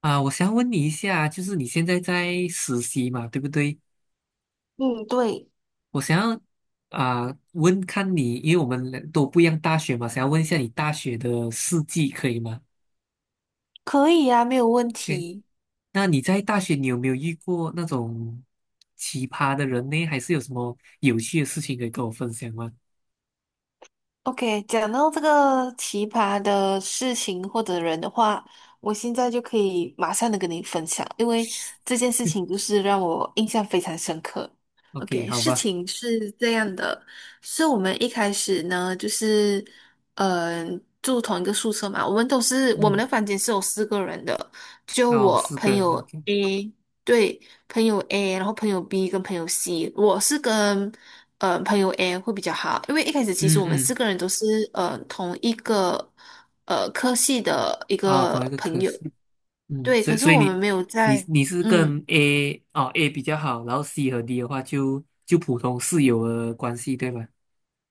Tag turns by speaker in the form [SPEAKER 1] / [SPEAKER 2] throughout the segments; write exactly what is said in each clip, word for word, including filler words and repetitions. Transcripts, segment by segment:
[SPEAKER 1] 啊，我想要问你一下，就是你现在在实习嘛，对不对？
[SPEAKER 2] 嗯，对，
[SPEAKER 1] 我想要啊问看你，因为我们两都不一样大学嘛，想要问一下你大学的事迹，可以吗
[SPEAKER 2] 可以呀，没有问
[SPEAKER 1] ？OK，
[SPEAKER 2] 题。
[SPEAKER 1] 那你在大学你有没有遇过那种奇葩的人呢？还是有什么有趣的事情可以跟我分享吗
[SPEAKER 2] OK,讲到这个奇葩的事情或者人的话，我现在就可以马上的跟你分享，因为这件事情就是让我印象非常深刻。
[SPEAKER 1] ？OK，
[SPEAKER 2] OK,
[SPEAKER 1] 好
[SPEAKER 2] 事
[SPEAKER 1] 吧，
[SPEAKER 2] 情是这样的，是我们一开始呢，就是嗯、呃住同一个宿舍嘛，我们都是我们
[SPEAKER 1] 嗯，
[SPEAKER 2] 的房间是有四个人的，就
[SPEAKER 1] 哦，
[SPEAKER 2] 我
[SPEAKER 1] 四个
[SPEAKER 2] 朋
[SPEAKER 1] 人
[SPEAKER 2] 友
[SPEAKER 1] ，OK，
[SPEAKER 2] A。对，朋友 A,然后朋友 B 跟朋友 C,我是跟呃朋友 A 会比较好，因为一开始其实
[SPEAKER 1] 嗯
[SPEAKER 2] 我们四
[SPEAKER 1] 嗯，
[SPEAKER 2] 个人都是呃同一个呃科系的一
[SPEAKER 1] 哦，同一
[SPEAKER 2] 个
[SPEAKER 1] 个
[SPEAKER 2] 朋
[SPEAKER 1] 科
[SPEAKER 2] 友，
[SPEAKER 1] 室，嗯，
[SPEAKER 2] 对，
[SPEAKER 1] 所
[SPEAKER 2] 可
[SPEAKER 1] 以
[SPEAKER 2] 是
[SPEAKER 1] 所以
[SPEAKER 2] 我们
[SPEAKER 1] 你
[SPEAKER 2] 没有
[SPEAKER 1] 你
[SPEAKER 2] 在
[SPEAKER 1] 你是
[SPEAKER 2] 嗯。
[SPEAKER 1] 跟 A 哦 A 比较好，然后 C 和 D 的话就就普通室友的关系，对吧？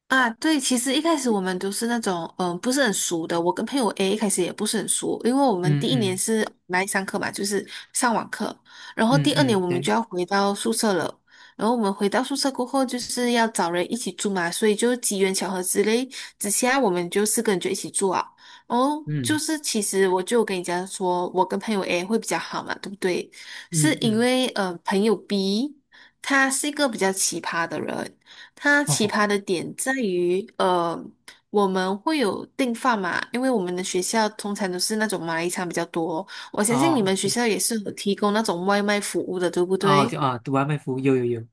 [SPEAKER 2] 啊，对，其实一开始我们都是那种，嗯、不是很熟的。我跟朋友 A 一开始也不是很熟，因为我们
[SPEAKER 1] 嗯
[SPEAKER 2] 第一年
[SPEAKER 1] 嗯
[SPEAKER 2] 是来上课嘛，就是上网课，然后
[SPEAKER 1] 嗯
[SPEAKER 2] 第二年
[SPEAKER 1] 嗯，
[SPEAKER 2] 我们
[SPEAKER 1] 对，
[SPEAKER 2] 就要回到宿舍了。然后我们回到宿舍过后，就是要找人一起住嘛，所以就机缘巧合之类之下，我们就四个人就一起住啊。哦，就
[SPEAKER 1] 嗯
[SPEAKER 2] 是其实我就跟你讲说，我跟朋友 A 会比较好嘛，对不对？是
[SPEAKER 1] 嗯
[SPEAKER 2] 因
[SPEAKER 1] 嗯，
[SPEAKER 2] 为呃，朋友 B 他是一个比较奇葩的人，它奇
[SPEAKER 1] 哦
[SPEAKER 2] 葩的点在于，呃，我们会有订饭嘛，因为我们的学校通常都是那种马来餐比较多，我相信你
[SPEAKER 1] 哦，
[SPEAKER 2] 们学
[SPEAKER 1] 对，
[SPEAKER 2] 校也是有提供那种外卖服务的，对不
[SPEAKER 1] 哦，
[SPEAKER 2] 对？
[SPEAKER 1] 就啊，读完卖服务有有有，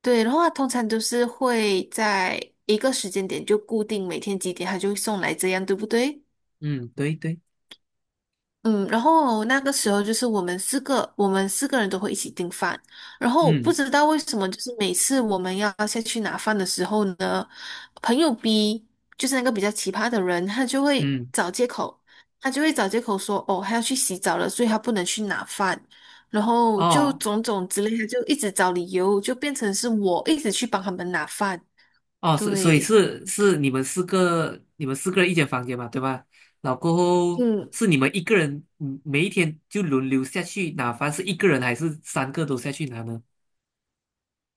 [SPEAKER 2] 对，然后它通常都是会在一个时间点就固定每天几点，他就会送来这样，对不对？
[SPEAKER 1] 嗯，对对，
[SPEAKER 2] 嗯，然后那个时候就是我们四个，我们四个人都会一起订饭。然后不
[SPEAKER 1] 嗯
[SPEAKER 2] 知道为什么，就是每次我们要下去拿饭的时候呢，朋友 B 就是那个比较奇葩的人，他就会
[SPEAKER 1] 嗯，
[SPEAKER 2] 找借口，他就会找借口说，哦，他要去洗澡了，所以他不能去拿饭。然后就
[SPEAKER 1] 哦
[SPEAKER 2] 种种之类他就一直找理由，就变成是我一直去帮他们拿饭。
[SPEAKER 1] 哦，所以所以
[SPEAKER 2] 对，
[SPEAKER 1] 是是你们四个你们四个人一间房间嘛，对吧？然后过后
[SPEAKER 2] 嗯，
[SPEAKER 1] 是你们一个人，嗯每一天就轮流下去拿饭，是一个人还是三个都下去拿呢？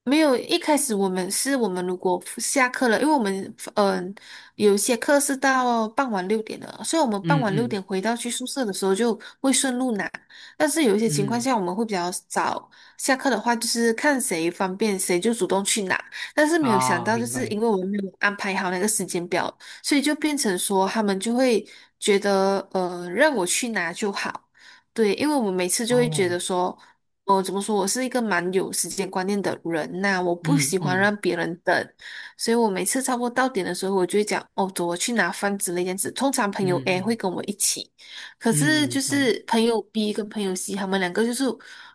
[SPEAKER 2] 没有，一开始我们是我们如果下课了，因为我们嗯、呃有一些课是到傍晚六点的，所以我们傍
[SPEAKER 1] 嗯
[SPEAKER 2] 晚六
[SPEAKER 1] 嗯
[SPEAKER 2] 点回到去宿舍的时候就会顺路拿。但是有一些情况
[SPEAKER 1] 嗯。
[SPEAKER 2] 下我们会比较早下课的话，就是看谁方便谁就主动去拿。但是没有想
[SPEAKER 1] 啊，
[SPEAKER 2] 到，就
[SPEAKER 1] 明
[SPEAKER 2] 是
[SPEAKER 1] 白。
[SPEAKER 2] 因为我们没有安排好那个时间表，所以就变成说他们就会觉得呃让我去拿就好。对，因为我们每次就会觉
[SPEAKER 1] 哦，
[SPEAKER 2] 得说。哦，呃怎么说？我是一个蛮有时间观念的人呐、我不
[SPEAKER 1] 嗯
[SPEAKER 2] 喜欢
[SPEAKER 1] 嗯
[SPEAKER 2] 让别人等，所以我每次差不多到点的时候，我就会讲哦，走，我去拿饭之类这样子。通常朋友
[SPEAKER 1] 嗯
[SPEAKER 2] A 会
[SPEAKER 1] 嗯
[SPEAKER 2] 跟我一起，可是
[SPEAKER 1] 嗯嗯，
[SPEAKER 2] 就
[SPEAKER 1] 好的。
[SPEAKER 2] 是朋友 B 跟朋友 C 他们两个就是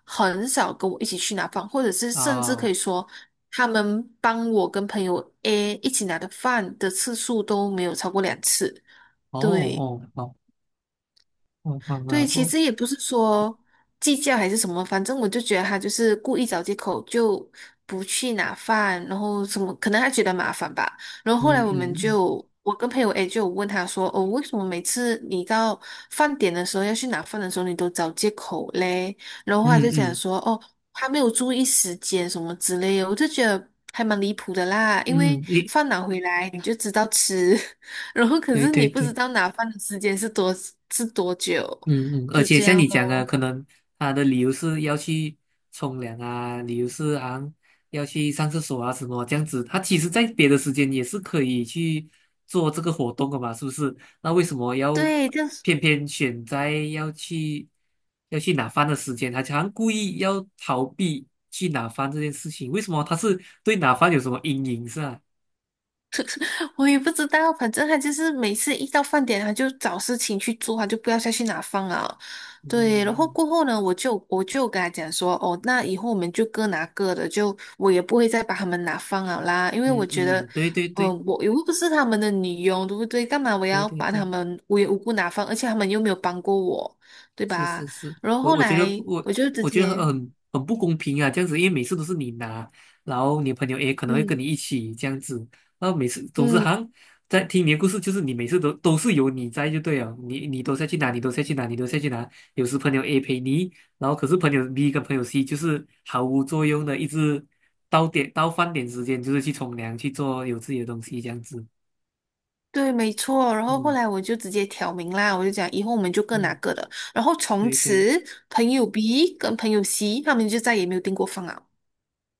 [SPEAKER 2] 很少跟我一起去拿饭，或者是
[SPEAKER 1] 啊，
[SPEAKER 2] 甚至可以
[SPEAKER 1] 哦
[SPEAKER 2] 说他们帮我跟朋友 A 一起拿的饭的次数都没有超过两次。对。
[SPEAKER 1] 哦，好，好，好，
[SPEAKER 2] 对，
[SPEAKER 1] 然
[SPEAKER 2] 其
[SPEAKER 1] 后，
[SPEAKER 2] 实也不是说计较还是什么，反正我就觉得他就是故意找借口，就不去拿饭，然后什么，可能他觉得麻烦吧。然后后来
[SPEAKER 1] 嗯
[SPEAKER 2] 我们
[SPEAKER 1] 嗯
[SPEAKER 2] 就，我跟朋友 A 就有问他说，哦，为什么每次你到饭点的时候要去拿饭的时候，你都找借口嘞？然后他
[SPEAKER 1] 嗯
[SPEAKER 2] 就讲
[SPEAKER 1] 嗯
[SPEAKER 2] 说，哦，他没有注意时间什么之类的，我就觉得。还蛮离谱的啦，因
[SPEAKER 1] 嗯
[SPEAKER 2] 为
[SPEAKER 1] 嗯，一，
[SPEAKER 2] 饭拿回来你就知道吃，然后可
[SPEAKER 1] 对
[SPEAKER 2] 是
[SPEAKER 1] 对
[SPEAKER 2] 你不知
[SPEAKER 1] 对。
[SPEAKER 2] 道拿饭的时间是多是多久。
[SPEAKER 1] 嗯嗯，而
[SPEAKER 2] 就
[SPEAKER 1] 且
[SPEAKER 2] 这
[SPEAKER 1] 像
[SPEAKER 2] 样
[SPEAKER 1] 你讲的，
[SPEAKER 2] 咯。
[SPEAKER 1] 可能他的理由是要去冲凉啊，理由是好像要去上厕所啊什么这样子。他其实在别的时间也是可以去做这个活动的嘛，是不是？那为什么要
[SPEAKER 2] 对，但是
[SPEAKER 1] 偏偏选在要去要去拿饭的时间？他好像故意要逃避去拿饭这件事情，为什么他是对拿饭有什么阴影是吧？
[SPEAKER 2] 我也不知道，反正他就是每次一到饭点，他就找事情去做，他就不要再去拿饭了。对，然后
[SPEAKER 1] 嗯
[SPEAKER 2] 过后呢，我就我就跟他讲说，哦，那以后我们就各拿各的，就我也不会再把他们拿饭了啦，因为我
[SPEAKER 1] 嗯
[SPEAKER 2] 觉得，
[SPEAKER 1] 嗯嗯，对对对
[SPEAKER 2] 嗯、我又不是他们的女佣，对不对？干嘛我
[SPEAKER 1] 对
[SPEAKER 2] 要
[SPEAKER 1] 对
[SPEAKER 2] 把他
[SPEAKER 1] 对。
[SPEAKER 2] 们无缘无故拿饭，而且他们又没有帮过我，对
[SPEAKER 1] 是
[SPEAKER 2] 吧？
[SPEAKER 1] 是是，
[SPEAKER 2] 然后
[SPEAKER 1] 我
[SPEAKER 2] 后
[SPEAKER 1] 我觉得
[SPEAKER 2] 来
[SPEAKER 1] 不我
[SPEAKER 2] 我就直
[SPEAKER 1] 我觉得
[SPEAKER 2] 接，
[SPEAKER 1] 很很不公平啊，这样子，因为每次都是你拿，然后你的朋友诶可能会跟
[SPEAKER 2] 嗯。
[SPEAKER 1] 你一起这样子，然后每次总是好
[SPEAKER 2] 嗯，
[SPEAKER 1] 像在听你的故事，就是你每次都都是有你在就对了，你你都下去拿，你都下去拿，你都下去拿，有时朋友 A 陪你，然后可是朋友 B 跟朋友 C 就是毫无作用的，一直到点到饭点时间就是去冲凉去做有自己的东西这样子，
[SPEAKER 2] 对，没错。然后后
[SPEAKER 1] 嗯
[SPEAKER 2] 来我就直接挑明啦，我就讲以后我们就各拿
[SPEAKER 1] 嗯，
[SPEAKER 2] 各的。然后从
[SPEAKER 1] 对对。
[SPEAKER 2] 此，朋友 B 跟朋友 C 他们就再也没有订过饭了，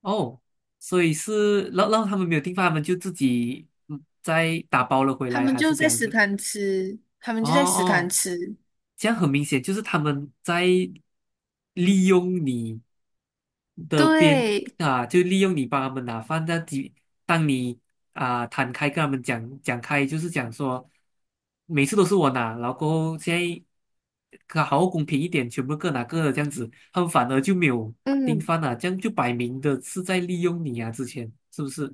[SPEAKER 1] 哦，所以是让让他们没有地方，他们就自己嗯再打包了回
[SPEAKER 2] 他
[SPEAKER 1] 来，
[SPEAKER 2] 们
[SPEAKER 1] 还
[SPEAKER 2] 就
[SPEAKER 1] 是这
[SPEAKER 2] 在
[SPEAKER 1] 样
[SPEAKER 2] 食
[SPEAKER 1] 子？
[SPEAKER 2] 堂吃，他们
[SPEAKER 1] 哦
[SPEAKER 2] 就在食堂
[SPEAKER 1] 哦，
[SPEAKER 2] 吃。
[SPEAKER 1] 这样很明显就是他们在利用你的边
[SPEAKER 2] 对，
[SPEAKER 1] 啊，就利用你帮他们拿饭。那几当你啊摊开跟他们讲讲开，就是讲说每次都是我拿，然后过后现在可好好公平一点，全部各拿各的这样子，他们反而就没有订
[SPEAKER 2] 嗯。
[SPEAKER 1] 饭了，这样就摆明的是在利用你啊，之前是不是？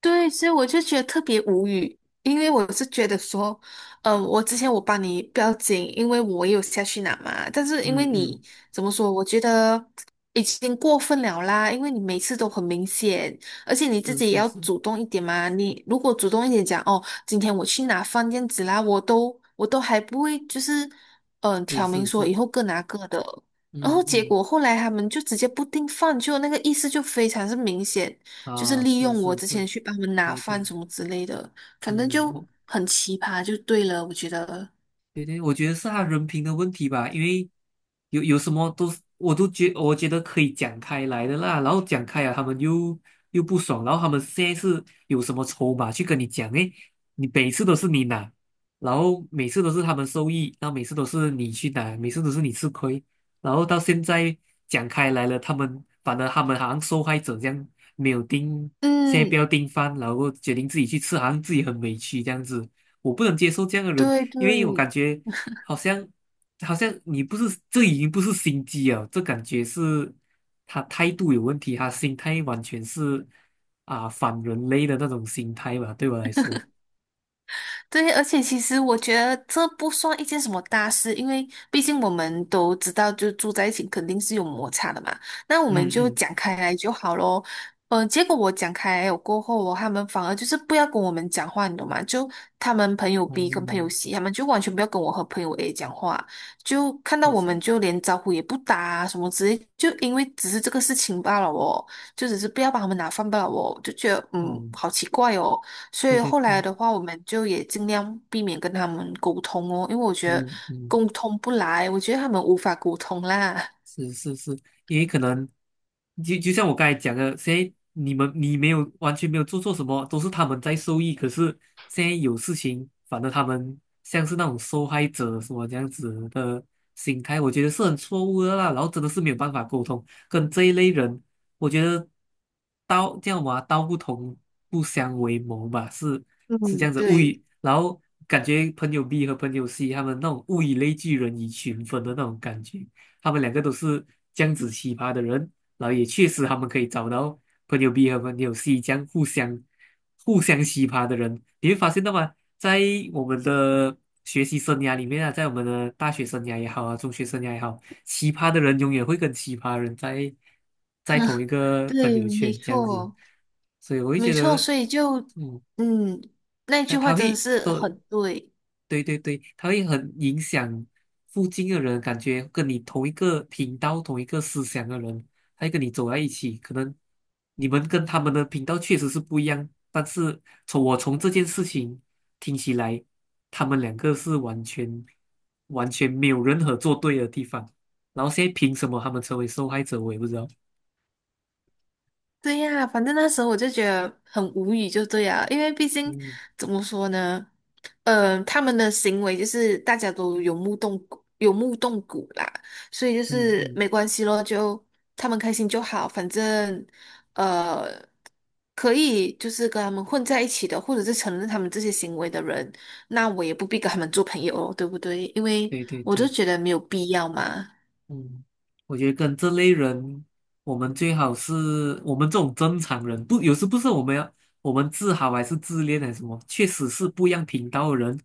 [SPEAKER 2] 对，所以我就觉得特别无语，因为我是觉得说，呃，我之前我帮你不要紧，因为我也有下去拿嘛，但是因
[SPEAKER 1] 嗯
[SPEAKER 2] 为你
[SPEAKER 1] 嗯，
[SPEAKER 2] 怎么说，我觉得已经过分了啦，因为你每次都很明显，而且你自
[SPEAKER 1] 是
[SPEAKER 2] 己也
[SPEAKER 1] 是
[SPEAKER 2] 要
[SPEAKER 1] 是
[SPEAKER 2] 主动一点嘛，你如果主动一点讲，哦，今天我去拿放这样子啦，我都我都还不会就是，嗯、
[SPEAKER 1] 是
[SPEAKER 2] 挑明
[SPEAKER 1] 是
[SPEAKER 2] 说
[SPEAKER 1] 是，
[SPEAKER 2] 以后各拿各的，然
[SPEAKER 1] 嗯
[SPEAKER 2] 后结
[SPEAKER 1] 嗯，
[SPEAKER 2] 果后来他们就直接不订饭，就那个意思就非常是明显。就是
[SPEAKER 1] 啊，
[SPEAKER 2] 利
[SPEAKER 1] 是
[SPEAKER 2] 用我
[SPEAKER 1] 是
[SPEAKER 2] 之
[SPEAKER 1] 是，
[SPEAKER 2] 前去帮他们拿
[SPEAKER 1] 对对
[SPEAKER 2] 饭什
[SPEAKER 1] 对。
[SPEAKER 2] 么之类的，反正
[SPEAKER 1] 嗯，
[SPEAKER 2] 就
[SPEAKER 1] 我
[SPEAKER 2] 很奇葩，就对了，我觉得。
[SPEAKER 1] 对对，我觉得是他人品的问题吧，因为有有什么都是我都觉我觉得可以讲开来的啦，然后讲开了，他们又又不爽，然后他们现在是有什么筹码去跟你讲？诶，你每次都是你拿，然后每次都是他们受益，然后每次都是你去拿，每次都是你吃亏，然后到现在讲开来了，他们反而他们好像受害者这样，没有盯，现在不
[SPEAKER 2] 嗯，
[SPEAKER 1] 要盯饭，然后决定自己去吃，好像自己很委屈这样子，我不能接受这样的人。
[SPEAKER 2] 对
[SPEAKER 1] 因为我感
[SPEAKER 2] 对，
[SPEAKER 1] 觉好像好像你不是，这已经不是心机了，这感觉是他态度有问题，他心态完全是啊、反人类的那种心态吧，对我来说，
[SPEAKER 2] 对，而且其实我觉得这不算一件什么大事，因为毕竟我们都知道，就住在一起肯定是有摩擦的嘛。那我们
[SPEAKER 1] 嗯
[SPEAKER 2] 就
[SPEAKER 1] 嗯，
[SPEAKER 2] 讲开来就好咯。嗯，结果我讲开来过后哦，他们反而就是不要跟我们讲话，你懂吗？就他们朋友
[SPEAKER 1] 哦，
[SPEAKER 2] B 跟朋友 C,他们就完全不要跟我和朋友 A 讲话，就看到
[SPEAKER 1] 就
[SPEAKER 2] 我们
[SPEAKER 1] 是，
[SPEAKER 2] 就连招呼也不打啊，什么之类，就因为只是这个事情罢了哦，就只是不要把他们拿饭罢了哦，就觉得
[SPEAKER 1] 哦，
[SPEAKER 2] 嗯，好奇怪哦。所
[SPEAKER 1] 对
[SPEAKER 2] 以
[SPEAKER 1] 对
[SPEAKER 2] 后来
[SPEAKER 1] 对，
[SPEAKER 2] 的话，我们就也尽量避免跟他们沟通哦，因为我觉得
[SPEAKER 1] 嗯嗯。
[SPEAKER 2] 沟通不来，我觉得他们无法沟通啦。
[SPEAKER 1] 是是是，因为可能就就像我刚才讲的，现在你们你没有完全没有做错什么，都是他们在受益。可是现在有事情，反而他们像是那种受害者什么这样子的心态，我觉得是很错误的啦。然后真的是没有办法沟通，跟这一类人，我觉得道叫嘛，道不同不相为谋吧，是是这
[SPEAKER 2] 嗯，
[SPEAKER 1] 样子。物
[SPEAKER 2] 对
[SPEAKER 1] 以，然后感觉朋友 B 和朋友 C 他们那种物以类聚，人以群分的那种感觉。他们两个都是这样子奇葩的人，然后也确实他们可以找到朋友 B 和朋友 C 这样互相互相奇葩的人。你会发现到吗？在我们的学习生涯里面啊，在我们的大学生涯也好啊，中学生涯也好，奇葩的人永远会跟奇葩人在在同一个朋
[SPEAKER 2] 对，
[SPEAKER 1] 友
[SPEAKER 2] 没
[SPEAKER 1] 圈这样子，
[SPEAKER 2] 错
[SPEAKER 1] 所以我会
[SPEAKER 2] 没
[SPEAKER 1] 觉
[SPEAKER 2] 错，
[SPEAKER 1] 得，
[SPEAKER 2] 所以就
[SPEAKER 1] 嗯，
[SPEAKER 2] 嗯，那句
[SPEAKER 1] 但
[SPEAKER 2] 话
[SPEAKER 1] 他
[SPEAKER 2] 真的
[SPEAKER 1] 会
[SPEAKER 2] 是
[SPEAKER 1] 多。
[SPEAKER 2] 很对。
[SPEAKER 1] 对对对，他会很影响附近的人，感觉跟你同一个频道、同一个思想的人，他会跟你走在一起。可能你们跟他们的频道确实是不一样，但是从我从这件事情听起来，他们两个是完全完全没有任何做对的地方。然后现在凭什么他们成为受害者，我也不知道。
[SPEAKER 2] 对呀，反正那时候我就觉得很无语，就对呀，因为毕竟
[SPEAKER 1] 嗯
[SPEAKER 2] 怎么说呢，嗯、他们的行为就是大家都有目共睹，有目共睹啦，所以就
[SPEAKER 1] 嗯
[SPEAKER 2] 是
[SPEAKER 1] 嗯，
[SPEAKER 2] 没关系咯，就他们开心就好，反正呃，可以就是跟他们混在一起的，或者是承认他们这些行为的人，那我也不必跟他们做朋友哦，对不对？因为
[SPEAKER 1] 对对
[SPEAKER 2] 我就
[SPEAKER 1] 对。
[SPEAKER 2] 觉得没有必要嘛。
[SPEAKER 1] 嗯，我觉得跟这类人，我们最好是我们这种正常人，不，有时不是我们要我们自豪还是自恋还是什么，确实是不一样频道的人，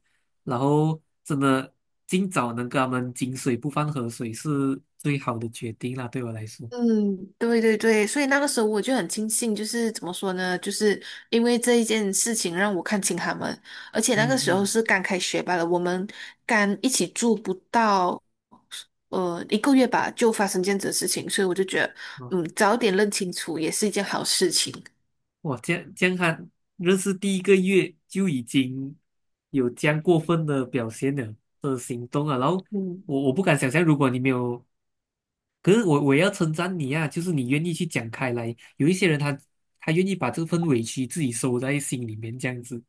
[SPEAKER 1] 然后真的尽早能跟他们井水不犯河水是最好的决定啦，对我来说。
[SPEAKER 2] 嗯，对对对，所以那个时候我就很庆幸，就是怎么说呢，就是因为这一件事情让我看清他们，而且那个
[SPEAKER 1] 嗯
[SPEAKER 2] 时候
[SPEAKER 1] 嗯，
[SPEAKER 2] 是刚开学罢了，我们刚一起住不到呃一个月吧，就发生这样子的事情，所以我就觉得，
[SPEAKER 1] 哦，
[SPEAKER 2] 嗯，早点认清楚也是一件好事情。
[SPEAKER 1] 哇，这样这样看，认识第一个月就已经有这样过分的表现了的行动啊。然后
[SPEAKER 2] 嗯。
[SPEAKER 1] 我我不敢想象，如果你没有。可是我我也要称赞你啊，就是你愿意去讲开来。有一些人他他愿意把这份委屈自己收在心里面，这样子。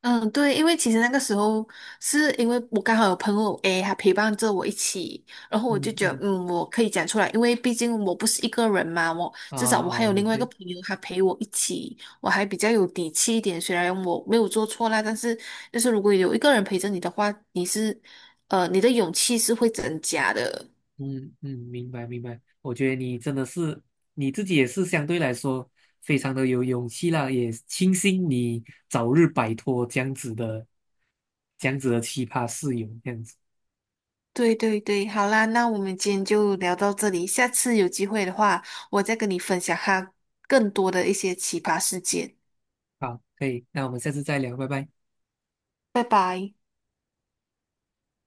[SPEAKER 2] 嗯，对，因为其实那个时候是因为我刚好有朋友 A,他陪伴着我一起，然后我就
[SPEAKER 1] 嗯
[SPEAKER 2] 觉得，
[SPEAKER 1] 嗯，
[SPEAKER 2] 嗯，我可以讲出来，因为毕竟我不是一个人嘛，我
[SPEAKER 1] 啊、
[SPEAKER 2] 至少我还
[SPEAKER 1] 啊、
[SPEAKER 2] 有
[SPEAKER 1] 也
[SPEAKER 2] 另外一个
[SPEAKER 1] 对。
[SPEAKER 2] 朋友，他陪我一起，我还比较有底气一点。虽然我没有做错啦，但是就是如果有一个人陪着你的话，你是，呃，你的勇气是会增加的。
[SPEAKER 1] 嗯嗯，明白明白。我觉得你真的是你自己也是相对来说非常的有勇气啦，也庆幸你早日摆脱这样子的这样子的奇葩室友，这样子。
[SPEAKER 2] 对对对，好啦，那我们今天就聊到这里，下次有机会的话，我再跟你分享他更多的一些奇葩事件。
[SPEAKER 1] 好，可以，那我们下次再聊，拜拜。
[SPEAKER 2] 拜拜。